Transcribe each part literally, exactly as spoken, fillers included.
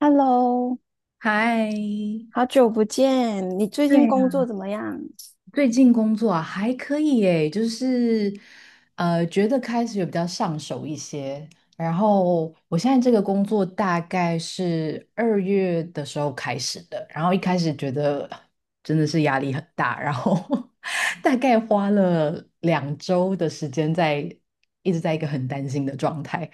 Hello,嗨，好久不见，你最对近呀，工作怎么样？最近工作啊还可以诶，就是呃，觉得开始有比较上手一些。然 后我现在这个工作大概是二月的时候开始的，然后一开始觉得真的是压力很大，然后 大概花了两周的时间在一直在一个很担心的状态，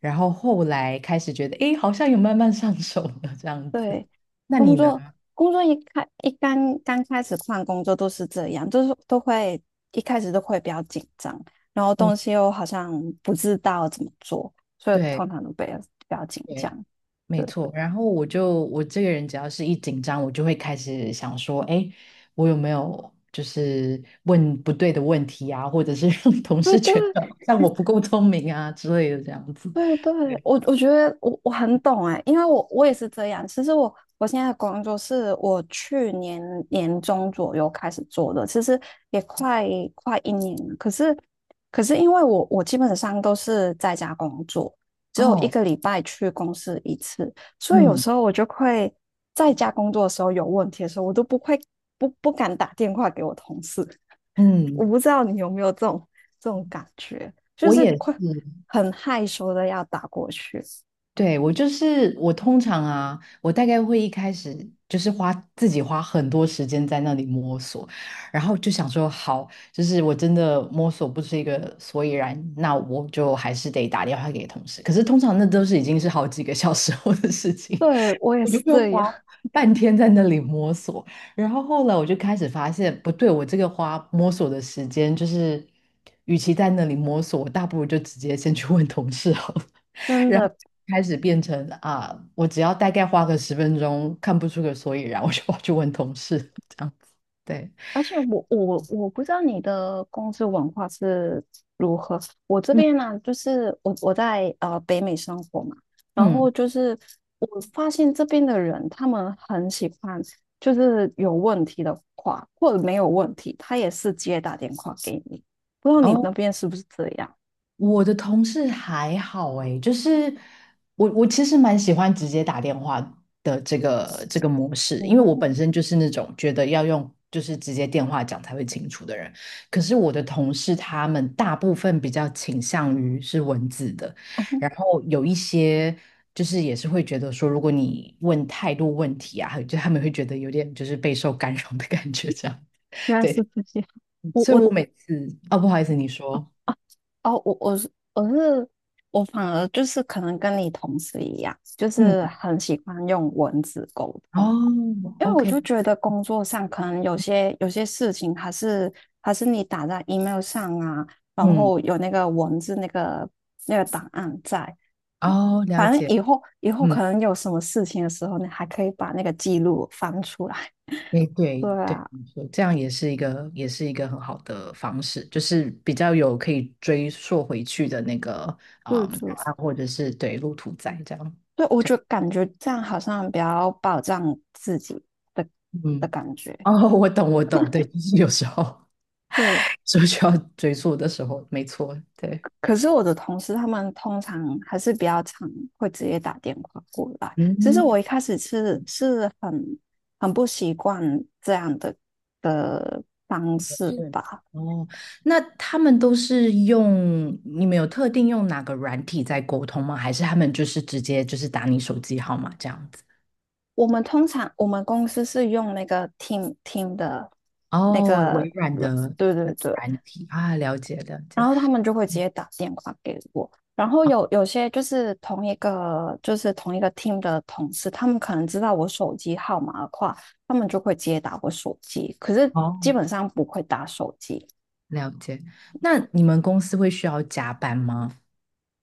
然后后来开始觉得，诶，好像有慢慢上手了这样子。对，那工你呢？作工作一开一刚刚开始换工作都是这样，就是都会一开始都会比较紧张，然后嗯，东西又好像不知道怎么做，所以对通常都比较比较紧对。张。没对错，然后我就我这个人只要是一紧张，我就会开始想说，哎，我有没有就是问不对的问题啊，或者是让 同对事觉对，得像我不够聪明啊之类的这样子。对对，对我我觉得我我很懂哎，因为我我也是这样。其实我我现在的工作是我去年年中左右开始做的，其实也快快一年了。可是可是因为我我基本上都是在家工作，只有一哦，个礼拜去公司一次，所以有嗯时候我就会在家工作的时候有问题的时候，我都不会不不敢打电话给我同事，我嗯，不知道你有没有这种这种感觉，就我是也是，快很害羞的要打过去。对，我就是我通常啊，我大概会一开始就是花自己花很多时间在那里摸索，然后就想说好，就是我真的摸索不出一个所以然，那我就还是得打电话给同事。可是通常那都是已经是好几个小时后的事情，对，我 也我就是会这花样，半天在那里摸索。然后后来我就开始发现不对，我这个花摸索的时间就是，与其在那里摸索，我大不如就直接先去问同事好了。真然后的。开始变成啊，我只要大概花个十分钟看不出个所以然，我就跑去问同事这样子。对，而且我我我不知道你的公司文化是如我这嗯边呢、就是我我在呃北美生活嘛，然嗯，后就是我发现这边的人他们很喜欢，就是有问题的话或者没有问题，他也是直接打电话给你。不知道你那哦，边是不是这样？我的同事还好诶，就是我我其实蛮喜欢直接打电话的这个这个模式，因为我哦，本身就是那种觉得要用就是直接电话讲才会清楚的人。可是我的同事他们大部分比较倾向于是文字的，然后有一些就是也是会觉得说，如果你问太多问题啊，就他们会觉得有点就是备受干扰的感觉这样。原来对，是自己。我所以我我每次哦，不好意思，你说。啊哦，我我是我是我反而就是可能跟你同事一样，就嗯。是很喜欢用文字沟通，哦因为我，OK，就觉得工作上可能有些有些事情还是还是你打在 email 上啊，然嗯，后有那个文字那个那个档案在，哦，了反正解，以后以后可嗯，能有什么事情的时候，你还可以把那个记录翻出来。诶，对对对，啊，没错，这样也是一个，也是一个很好的方式，就是比较有可以追溯回去的那个对啊、嗯对。答案或者是对路途在这样，对，我对，就感觉这样好像比较保障自己的的嗯，感觉。哦，我懂，我懂，对，就是有时候 对，是需要追溯的时候，没错，对，可是我的同事他们通常还是比较常会直接打电话过来。其实我嗯一开始是嗯，是很很不习惯这样的的方式是，吧。哦，那他们都是用，你们有特定用哪个软体在沟通吗？还是他们就是直接就是打你手机号码这样子？我们通常我们公司是用那个听听的那哦，个微软软，的对那对个对，软体啊，了解了然解，后他们就会直接打电话给我。然后哦，有有些就是同一个就是同一个 team 的同事，他们可能知道我手机号码的话，他们就会直接打我手机，可是基哦本上不会打手机。了解。那你们公司会需要加班吗？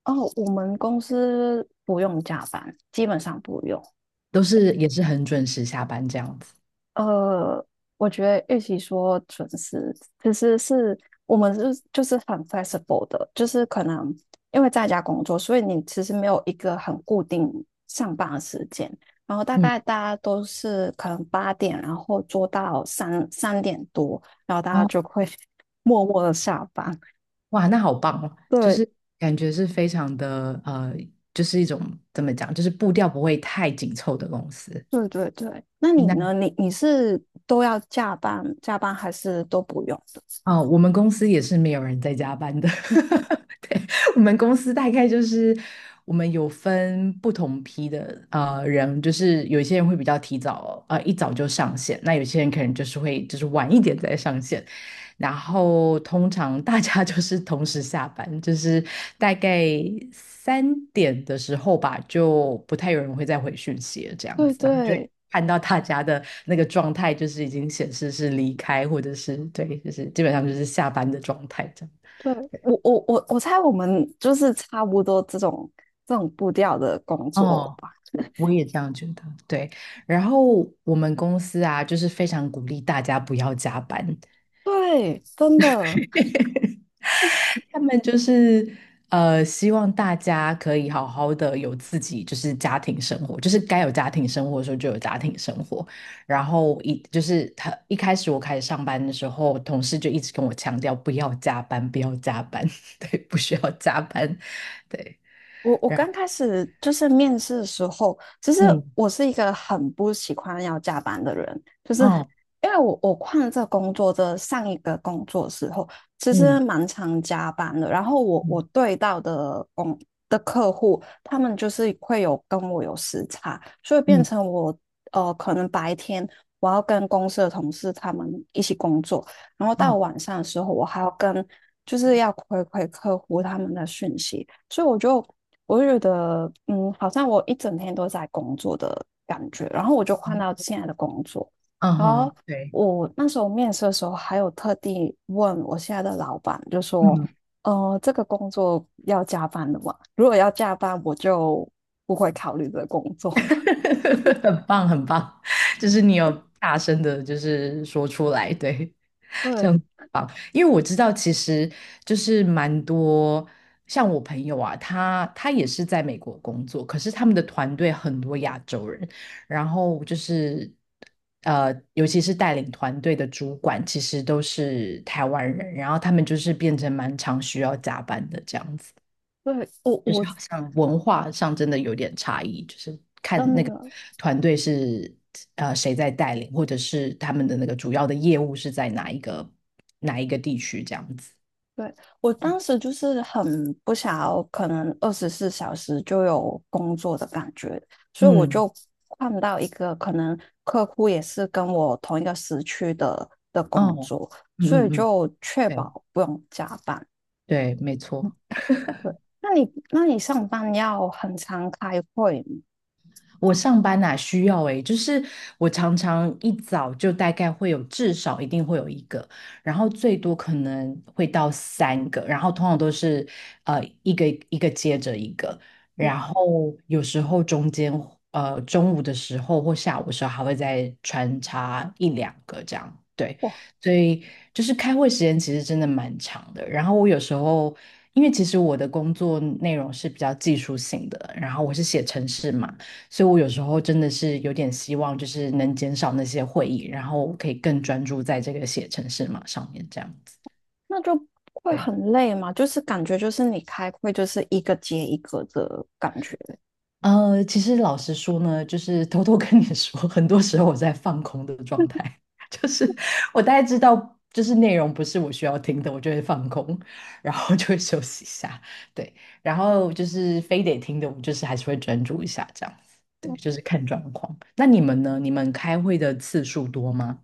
哦，我们公司不用加班，基本上不用。都是也是很准时下班这样子。呃，我觉得与其说准时，其实是我们是就是很 flexible 的，就是可能因为在家工作，所以你其实没有一个很固定上班的时间，然后大嗯，概大家都是可能八点，然后做到三三点多，然后大家哦，就会 默默的下班。哇，那好棒哦，就对是感觉是非常的呃，就是一种怎么讲，就是步调不会太紧凑的公司。对对对，那诶你那呢？你你是都要加班加班还是都不用的？啊、我们公司也是没有人在加班的。对，我们公司大概就是我们有分不同批的呃人，就是有一些人会比较提早呃一早就上线，那有些人可能就是会就是晚一点再上线。然后通常大家就是同时下班，就是大概三点的时候吧，就不太有人会再回讯息了，这样对子，然后就会对。看到大家的那个状态，就是已经显示是离开，或者是对，就是基本上就是下班的状态这样。对，我我我我猜我们就是差不多这种这种步调的工作哦，吧。我我也这样觉得，对。然后我们公司啊，就是非常鼓励大家不要加班。对，真的，他们就是呃，希望大家可以好好的有自己就是家庭生活，就是该有家庭生活的时候就有家庭生活。然后一就是他一开始我开始上班的时候，同事就一直跟我强调不要加班，不要加班，对，不需要加班，对，我我然后刚开始就是面试的时候，其实嗯，我是一个很不喜欢要加班的人，就是哦，因为我我换了这个工作的上一个工作的时候，其实嗯蛮常加班的。然后我我嗯对到的工的客户，他们就是会有跟我有时差，所以变嗯，成我呃可能白天我要跟公司的同事他们一起工作，然后到哦，晚上的时候我还要跟就是要回馈客户他们的讯息。所以我就我就觉得，嗯，好像我一整天都在工作的感觉，然后我就换到嗯现在的工作，嗯然哼，后对，我那时候面试的时候，还有特地问我现在的老板，就说，嗯，呃，这个工作要加班的吗？如果要加班，我就不会考虑这个工作。很棒很棒，就是你有大声的，就是说出来，对，对，因为我知道其实就是蛮多像我朋友啊，他他也是在美国工作，可是他们的团队很多亚洲人，然后就是呃，尤其是带领团队的主管，其实都是台湾人，然后他们就是变成蛮常需要加班的这样子。对，我就是我好像文化上真的有点差异，就是看真那个的。团队是呃谁在带领，或者是他们的那个主要的业务是在哪一个哪一个地区这样子。对，我当时就是很不想要，可能二十四小时就有工作的感觉，所以我嗯，就换到一个可能客户也是跟我同一个时区的的工哦，作，嗯所以嗯嗯，就确对保不用加班。对，没嗯错。对，那你那你上班要很常开会吗？我上班哪、需要诶、就是我常常一早就大概会有至少一定会有一个，然后最多可能会到三个，然后通常都是呃一个一个接着一个，然后有时候中间呃中午的时候或下午的时候还会再穿插一两个这样，对，哇，所以就是开会时间其实真的蛮长的，然后我有时候。因为其实我的工作内容是比较技术性的，然后我是写程式嘛。所以我有时候真的是有点希望，就是能减少那些会议，然后可以更专注在这个写程式码上面这样子。那就会对，很累嘛，就是感觉就是你开会就是一个接一个的感觉。呃，其实老实说呢，就是偷偷跟你说，很多时候我在放空的状态，就是我大概知道。就是内容不是我需要听的，我就会放空，然后就会休息一下，对，然后就是非得听的，我就是还是会专注一下这样子，对，就是看状况。那你们呢？你们开会的次数多吗？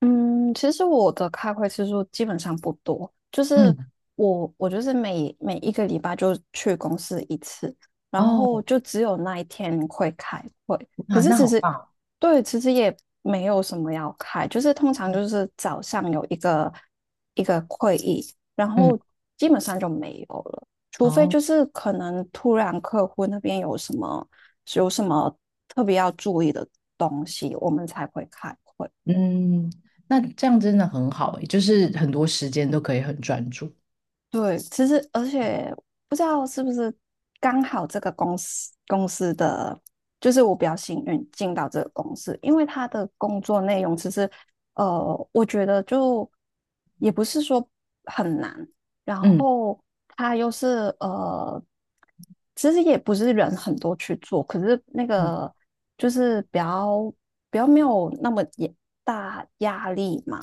嗯，其实我的开会次数基本上不多，就是嗯，我我就是每每一个礼拜就去公司一次，然后哦，就只有那一天会开会。可啊，是那其好实棒哦，对，其实也没有什么要开，就是通常就是早上有一个一个会议，然后嗯，基本上就没有了，除非好，就是可能突然客户那边有什么有什么特别要注意的东西，我们才会开会。嗯，那这样真的很好诶，就是很多时间都可以很专注。对，其实而且不知道是不是刚好这个公司公司的，就是我比较幸运进到这个公司，因为他的工作内容其实，呃，我觉得就也不是说很难，然嗯后他又是呃，其实也不是人很多去做，可是那嗯个就是比较比较没有那么也大压力嘛，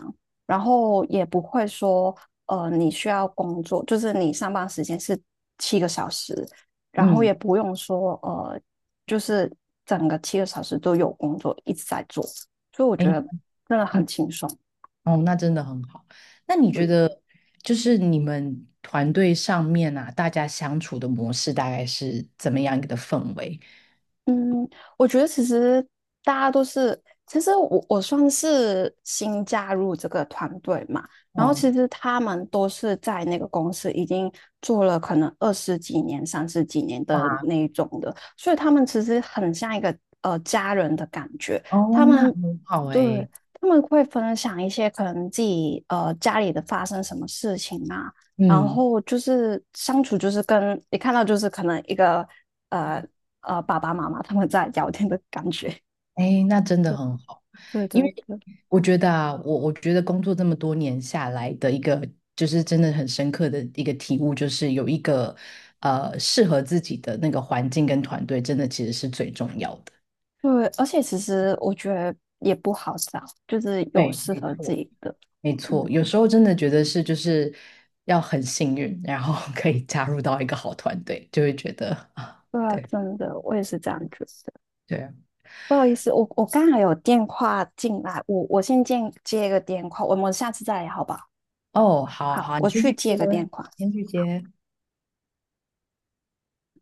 然后也不会说，呃，你需要工作，就是你上班时间是七个小时，然后也嗯，不用说，呃，就是整个七个小时都有工作一直在做，所以我哎，觉得真的嗯，很轻松。哦，那真的很好。那你觉对得，就是你们团队上面啊，大家相处的模式大概是怎么样一个的氛围？嗯，我觉得其实大家都是，其实我我算是新加入这个团队嘛，然后哦，其实他们都是在那个公司已经做了可能二十几年、三十几年的哇，那一种的，所以他们其实很像一个呃家人的感觉，哦，他那们很好对诶，他们会分享一些可能自己呃家里的发生什么事情啊。然嗯。后就是相处，就是跟你看到就是可能一个呃呃爸爸妈妈他们在聊天的感觉。哎，那真的对很好，对因对为对我觉得啊，我我觉得工作这么多年下来的一个，就是真的很深刻的一个体悟，就是有一个呃适合自己的那个环境跟团队，真的其实是最重要的。对，而且其实我觉得也不好找，就是有对，适没合自错，己的。没嗯，错，有时候真的觉得是就是要很幸运，然后 可以加入到一个好团队，就会觉得啊，对啊，对真的，我也是这样觉得。对，不好意思，我我刚才有电话进来，我我先接接一个电话，我们下次再聊好不好？哦，好好，好，我你先去去接，接个电话。先去接。